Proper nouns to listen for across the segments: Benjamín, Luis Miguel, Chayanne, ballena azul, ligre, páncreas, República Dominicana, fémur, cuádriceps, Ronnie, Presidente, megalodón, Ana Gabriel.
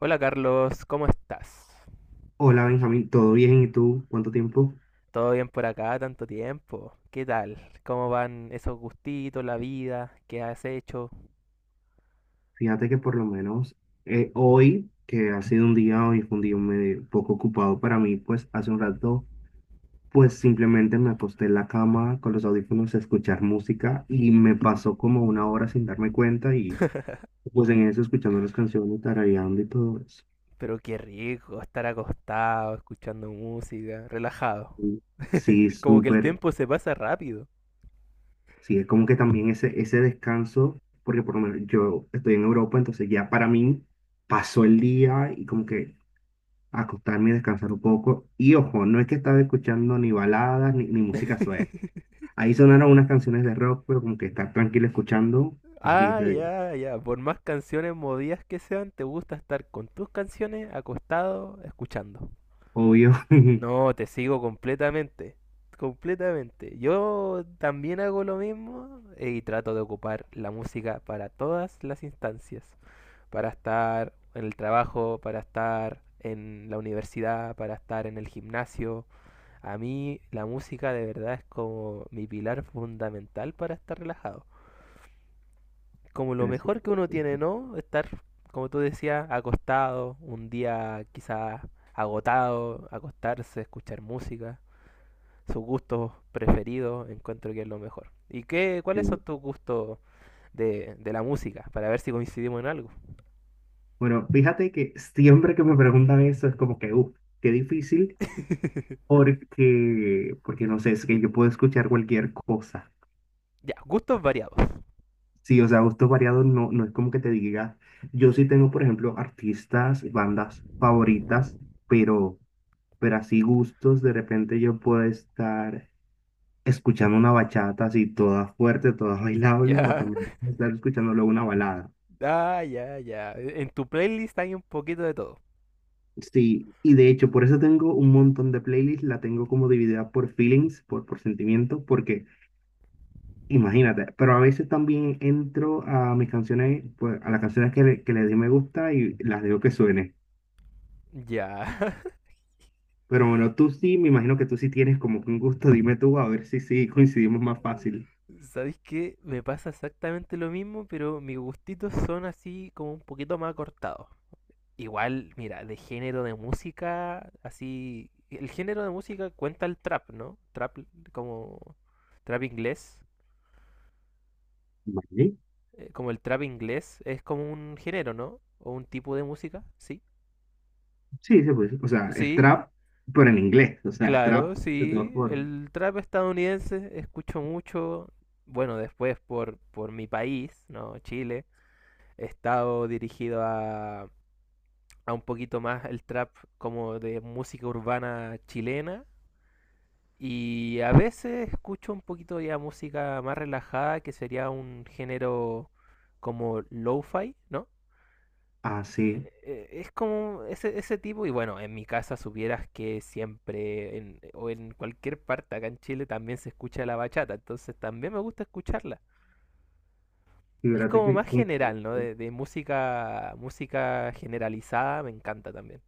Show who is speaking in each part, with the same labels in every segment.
Speaker 1: Hola Carlos, ¿cómo estás?
Speaker 2: Hola Benjamín, ¿todo bien? ¿Y tú? ¿Cuánto tiempo?
Speaker 1: ¿Todo bien por acá? Tanto tiempo. ¿Qué tal? ¿Cómo van esos gustitos, la vida? ¿Qué has hecho?
Speaker 2: Fíjate que por lo menos hoy, que ha sido un día, hoy fue un día medio poco ocupado para mí, pues hace un rato, pues simplemente me acosté en la cama con los audífonos a escuchar música y me pasó como una hora sin darme cuenta y pues en eso escuchando las canciones, tarareando y todo eso.
Speaker 1: Pero qué rico estar acostado, escuchando música, relajado.
Speaker 2: Y Sí,
Speaker 1: Como que el
Speaker 2: súper.
Speaker 1: tiempo se pasa rápido.
Speaker 2: Sí, es como que también ese descanso, porque por lo menos yo estoy en Europa, entonces ya para mí pasó el día y como que acostarme y descansar un poco. Y ojo, no es que estaba escuchando ni baladas ni música suave. Ahí sonaron unas canciones de rock, pero como que estar tranquilo escuchando es diez
Speaker 1: Ah,
Speaker 2: de diez
Speaker 1: ya, ya. Por más canciones movidas que sean, te gusta estar con tus canciones acostado, escuchando.
Speaker 2: Obvio.
Speaker 1: No, te sigo completamente, completamente. Yo también hago lo mismo, y trato de ocupar la música para todas las instancias, para estar en el trabajo, para estar en la universidad, para estar en el gimnasio. A mí la música de verdad es como mi pilar fundamental para estar relajado. Como lo
Speaker 2: Pero sí,
Speaker 1: mejor que uno
Speaker 2: sí,
Speaker 1: tiene, ¿no? Estar, como tú decías, acostado, un día quizás agotado, acostarse, escuchar música sus gustos preferidos, encuentro que es lo mejor. ¿Y qué, cuáles son
Speaker 2: sí.
Speaker 1: tus gustos de la música? Para ver si coincidimos en algo.
Speaker 2: Bueno, fíjate que siempre que me preguntan eso es como que, uff, qué difícil, porque no sé, es que yo puedo escuchar cualquier cosa.
Speaker 1: Ya, gustos variados.
Speaker 2: Sí, o sea, gustos variados no, no es como que te diga. Yo sí tengo, por ejemplo, artistas, bandas favoritas, pero. pero así gustos, de repente yo puedo estar escuchando una bachata así toda fuerte, toda bailable, o
Speaker 1: Ya.
Speaker 2: también puedo estar escuchando luego una balada.
Speaker 1: Ah, ya, ya. En tu playlist hay un poquito de todo.
Speaker 2: Sí, y de hecho por eso tengo un montón de playlists, la tengo como dividida por feelings, por sentimientos, porque imagínate, pero a veces también entro a mis canciones, pues a las canciones que le di me gusta y las dejo que suene.
Speaker 1: Ya.
Speaker 2: Pero bueno, tú sí, me imagino que tú sí tienes como que un gusto, dime tú, a ver si sí coincidimos más fácil.
Speaker 1: ¿Sabéis qué? Me pasa exactamente lo mismo, pero mis gustitos son así como un poquito más cortados. Igual, mira, de género de música, así... El género de música cuenta el trap, ¿no? Trap como... Trap inglés.
Speaker 2: Vale.
Speaker 1: Como el trap inglés es como un género, ¿no? O un tipo de música, sí.
Speaker 2: Sí, se puede decir. O sea, es
Speaker 1: Sí,
Speaker 2: trap, pero en inglés. O sea,
Speaker 1: claro,
Speaker 2: trap de todas
Speaker 1: sí.
Speaker 2: formas.
Speaker 1: El trap estadounidense escucho mucho. Bueno, después por mi país, ¿no? Chile. He estado dirigido a un poquito más el trap como de música urbana chilena. Y a veces escucho un poquito ya música más relajada, que sería un género como lo-fi, ¿no?
Speaker 2: Ah, sí.
Speaker 1: Es como ese tipo, y bueno, en mi casa supieras que siempre, o en cualquier parte acá en Chile también se escucha la bachata, entonces también me gusta escucharla. Es
Speaker 2: Fíjate
Speaker 1: como
Speaker 2: que,
Speaker 1: más
Speaker 2: sí,
Speaker 1: general, ¿no? De música, música generalizada me encanta también.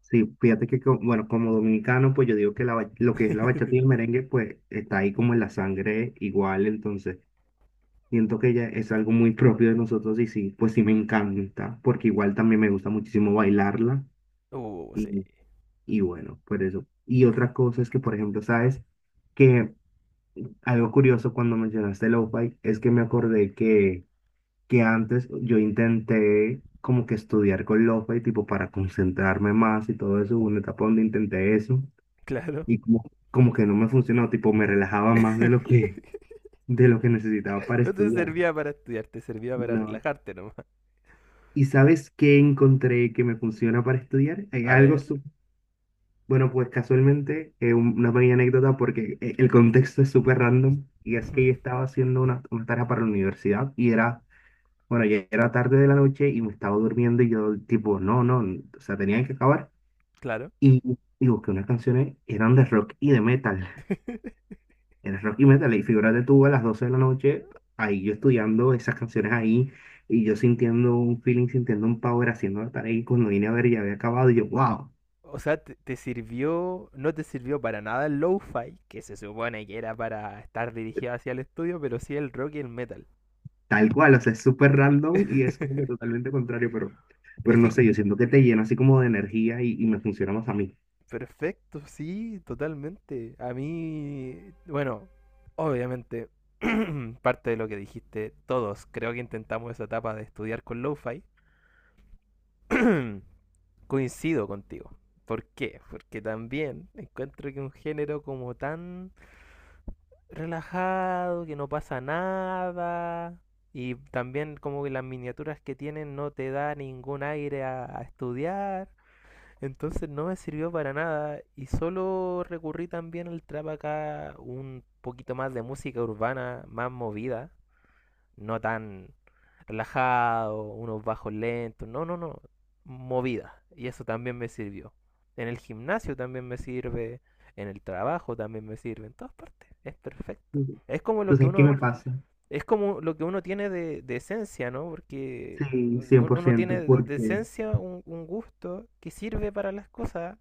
Speaker 2: sí, bueno, como dominicano, pues yo digo que lo que es la bachata y el merengue, pues está ahí como en la sangre igual. Entonces, siento que ya es algo muy propio de nosotros y sí, pues sí me encanta, porque igual también me gusta muchísimo bailarla.
Speaker 1: Sí,
Speaker 2: Y, y bueno, por eso. Y otra cosa es que, por ejemplo, sabes que algo curioso cuando mencionaste lo-fi es que me acordé que antes yo intenté como que estudiar con Lofa y tipo para concentrarme más y todo eso, hubo una etapa donde intenté eso
Speaker 1: claro.
Speaker 2: y como que no me funcionó, tipo me relajaba más de lo que, de lo que necesitaba para
Speaker 1: No te
Speaker 2: estudiar.
Speaker 1: servía para estudiar, te servía para
Speaker 2: No.
Speaker 1: relajarte nomás.
Speaker 2: ¿Y sabes qué encontré que me funciona para estudiar? Hay
Speaker 1: A
Speaker 2: algo,
Speaker 1: ver.
Speaker 2: bueno, pues casualmente, una pequeña anécdota porque el contexto es súper random y es que yo estaba haciendo una tarea para la universidad y era bueno, ya era tarde de la noche y me estaba durmiendo y yo tipo, no, no, o sea, tenían que acabar.
Speaker 1: Claro.
Speaker 2: Y busqué unas canciones, eran de rock y de metal. Era rock y metal. Y figúrate tú a las 12 de la noche, ahí yo estudiando esas canciones ahí y yo sintiendo un feeling, sintiendo un power, haciendo la tarea. Y cuando vine a ver ya había acabado y yo, wow,
Speaker 1: O sea, te sirvió, no te sirvió para nada el lo-fi, que se supone que era para estar dirigido hacia el estudio, pero sí el rock y el metal.
Speaker 2: tal cual, o sea, es súper random y es como que totalmente contrario, pero,
Speaker 1: Es
Speaker 2: pero no
Speaker 1: que,
Speaker 2: sé,
Speaker 1: cl-
Speaker 2: yo siento que te llena así como de energía y me funciona más a mí.
Speaker 1: Perfecto, sí, totalmente. A mí, bueno, obviamente, parte de lo que dijiste, todos creo que intentamos esa etapa de estudiar con lo-fi. Coincido contigo. ¿Por qué? Porque también encuentro que un género como tan relajado, que no pasa nada. Y también como que las miniaturas que tienen no te da ningún aire a estudiar. Entonces no me sirvió para nada. Y solo recurrí también al trap acá un poquito más de música urbana, más movida, no tan relajado, unos bajos lentos, no, no, no, movida. Y eso también me sirvió. En el gimnasio también me sirve, en el trabajo también me sirve, en todas partes. Es perfecto.
Speaker 2: Ujú.
Speaker 1: Es como lo que
Speaker 2: Entonces, ¿qué
Speaker 1: uno,
Speaker 2: me pasa?
Speaker 1: es como lo que uno tiene de esencia, ¿no? Porque
Speaker 2: Sí, cien por
Speaker 1: uno
Speaker 2: ciento
Speaker 1: tiene de
Speaker 2: porque
Speaker 1: esencia un gusto que sirve para las cosas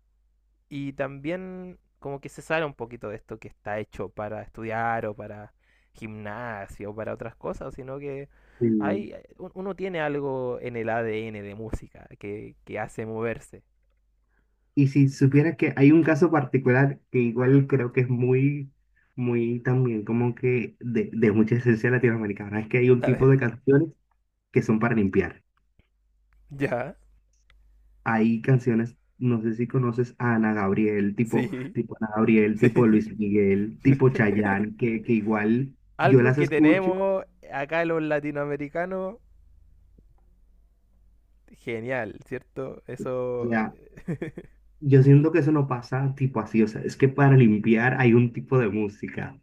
Speaker 1: y también como que se sale un poquito de esto que está hecho para estudiar o para gimnasio o para otras cosas, sino que
Speaker 2: sí.
Speaker 1: hay, uno tiene algo en el ADN de música que hace moverse.
Speaker 2: Y si supieras que hay un caso particular que igual creo que es muy, muy también como que de mucha esencia latinoamericana, es que hay un
Speaker 1: A
Speaker 2: tipo de
Speaker 1: ver,
Speaker 2: canciones que son para limpiar.
Speaker 1: ya,
Speaker 2: Hay canciones, no sé si conoces a Ana Gabriel, tipo,
Speaker 1: sí,
Speaker 2: tipo Ana Gabriel,
Speaker 1: sí.
Speaker 2: tipo Luis Miguel, tipo Chayanne, que igual yo
Speaker 1: Algo
Speaker 2: las
Speaker 1: que
Speaker 2: escucho,
Speaker 1: tenemos acá los latinoamericanos, genial, ¿cierto?
Speaker 2: o
Speaker 1: Eso,
Speaker 2: sea, yo siento que eso no pasa tipo así, o sea, es que para limpiar hay un tipo de música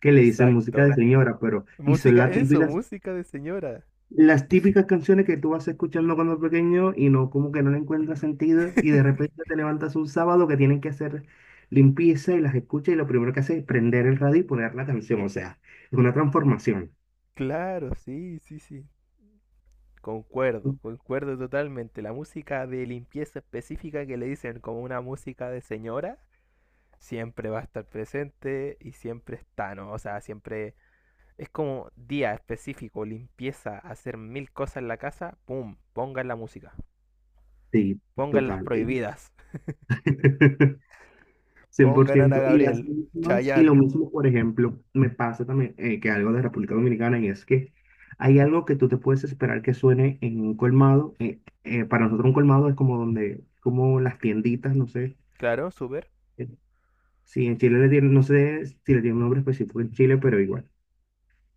Speaker 2: que le dicen música de
Speaker 1: exacto.
Speaker 2: señora, pero y son
Speaker 1: Música,
Speaker 2: las
Speaker 1: eso,
Speaker 2: típicas
Speaker 1: música de señora.
Speaker 2: Las típicas canciones que tú vas escuchando cuando pequeño y no, como que no le encuentras sentido y de repente te levantas un sábado que tienen que hacer limpieza y las escuchas y lo primero que haces es prender el radio y poner la canción, o sea, es una transformación.
Speaker 1: Claro, sí, sí, sí. Concuerdo, concuerdo totalmente. La música de limpieza específica que le dicen como una música de señora siempre va a estar presente y siempre está, ¿no? O sea, siempre es como día específico, limpieza, hacer mil cosas en la casa, ¡pum! Pongan la música,
Speaker 2: Sí,
Speaker 1: pongan las
Speaker 2: total.
Speaker 1: prohibidas,
Speaker 2: cien por
Speaker 1: pongan Ana
Speaker 2: ciento Y las
Speaker 1: Gabriel,
Speaker 2: mismas, y lo
Speaker 1: Chayanne.
Speaker 2: mismo, por ejemplo, me pasa también que algo de República Dominicana y es que hay algo que tú te puedes esperar que suene en un colmado. Para nosotros un colmado es como donde, como las tienditas, no sé.
Speaker 1: Claro, súper.
Speaker 2: Sí, en Chile le tienen, no sé si le tiene un nombre específico en Chile, pero igual.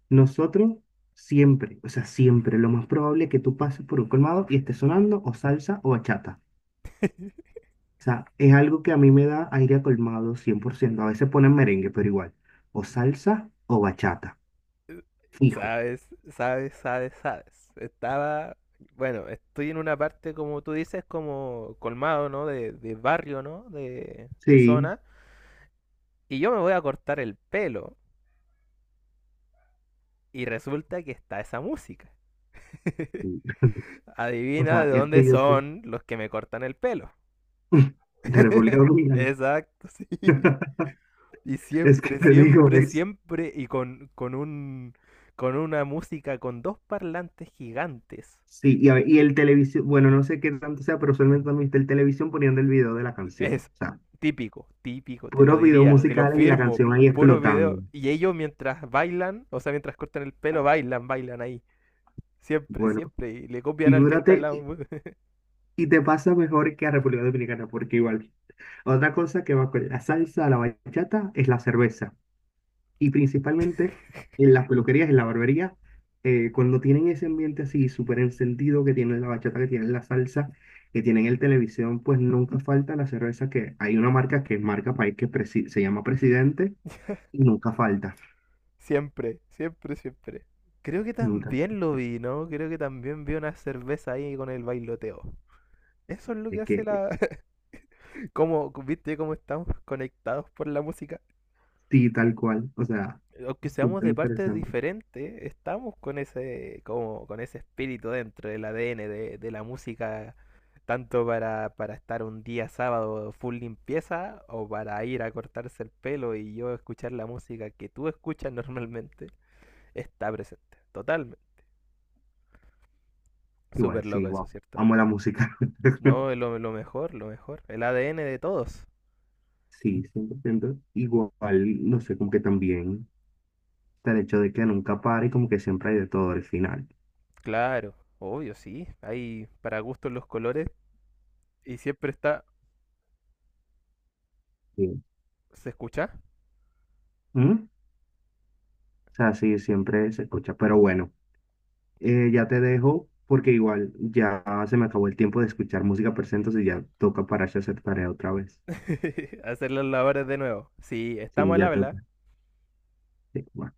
Speaker 2: Nosotros siempre, o sea, siempre, lo más probable es que tú pases por un colmado y esté sonando o salsa o bachata. O sea, es algo que a mí me da aire a colmado 100%. A veces ponen merengue, pero igual. O salsa o bachata. Fijo.
Speaker 1: Sabes, sabes, sabes, sabes. Estaba, bueno, estoy en una parte, como tú dices, como colmado, ¿no? De barrio, ¿no? De
Speaker 2: Sí.
Speaker 1: zona. Y yo me voy a cortar el pelo. Y resulta que está esa música.
Speaker 2: Sí. O
Speaker 1: Adivina
Speaker 2: sea,
Speaker 1: de
Speaker 2: es
Speaker 1: dónde
Speaker 2: que yo sí.
Speaker 1: son los que me cortan el pelo.
Speaker 2: De República Dominicana.
Speaker 1: Exacto, sí. Y
Speaker 2: Es que
Speaker 1: siempre,
Speaker 2: te digo,
Speaker 1: siempre,
Speaker 2: es
Speaker 1: siempre, con una música con dos parlantes gigantes.
Speaker 2: Sí, y, a ver, y el televisión, bueno, no sé qué tanto sea, pero usualmente también está el televisión poniendo el video de la canción.
Speaker 1: Es
Speaker 2: O sea,
Speaker 1: típico, típico, te lo
Speaker 2: puros videos
Speaker 1: diría, te lo
Speaker 2: musicales y la
Speaker 1: firmo,
Speaker 2: canción ahí
Speaker 1: puro
Speaker 2: explotando.
Speaker 1: video. Y ellos mientras bailan, o sea, mientras cortan el pelo, bailan, bailan ahí. Siempre,
Speaker 2: Bueno,
Speaker 1: siempre. Y le copian al que está al
Speaker 2: figúrate,
Speaker 1: lado.
Speaker 2: y te pasa mejor que a República Dominicana, porque igual, otra cosa que va con la salsa, la bachata, es la cerveza. Y principalmente en las peluquerías, en la barbería, cuando tienen ese ambiente así súper encendido, que tienen la bachata, que tienen la salsa, que tienen el televisión, pues nunca falta la cerveza, que hay una marca que es marca país que se llama Presidente y nunca falta,
Speaker 1: Siempre, siempre, siempre. Creo que
Speaker 2: nunca.
Speaker 1: también lo vi, ¿no? Creo que también vi una cerveza ahí con el bailoteo. Eso es lo que
Speaker 2: Es
Speaker 1: hace
Speaker 2: que
Speaker 1: la... Como, ¿viste cómo estamos conectados por la música?
Speaker 2: sí, tal cual, o sea,
Speaker 1: Aunque seamos
Speaker 2: súper
Speaker 1: de partes
Speaker 2: interesante.
Speaker 1: diferentes, estamos con ese, como, con ese espíritu dentro del ADN de la música, tanto para estar un día sábado full limpieza o para ir a cortarse el pelo y yo escuchar la música que tú escuchas normalmente, está presente, totalmente. Súper
Speaker 2: Igual, sí,
Speaker 1: loco eso,
Speaker 2: wow,
Speaker 1: ¿cierto?
Speaker 2: amo la música.
Speaker 1: No, lo mejor, lo mejor. El ADN de todos.
Speaker 2: Sí, 100%. Igual, no sé, como que también está el hecho de que nunca pare y como que siempre hay de todo al final.
Speaker 1: Claro, obvio, sí. Hay para gustos los colores y siempre está...
Speaker 2: Sí.
Speaker 1: ¿Se escucha?
Speaker 2: ¿Mm? O sea, sí, siempre se escucha. Pero bueno, ya te dejo porque igual ya se me acabó el tiempo de escuchar música, pero entonces ya toca pararse a hacer tarea otra vez.
Speaker 1: Hacer los labores de nuevo. Sí, estamos
Speaker 2: Sí,
Speaker 1: al
Speaker 2: ya
Speaker 1: habla.
Speaker 2: toca. Sí, bye.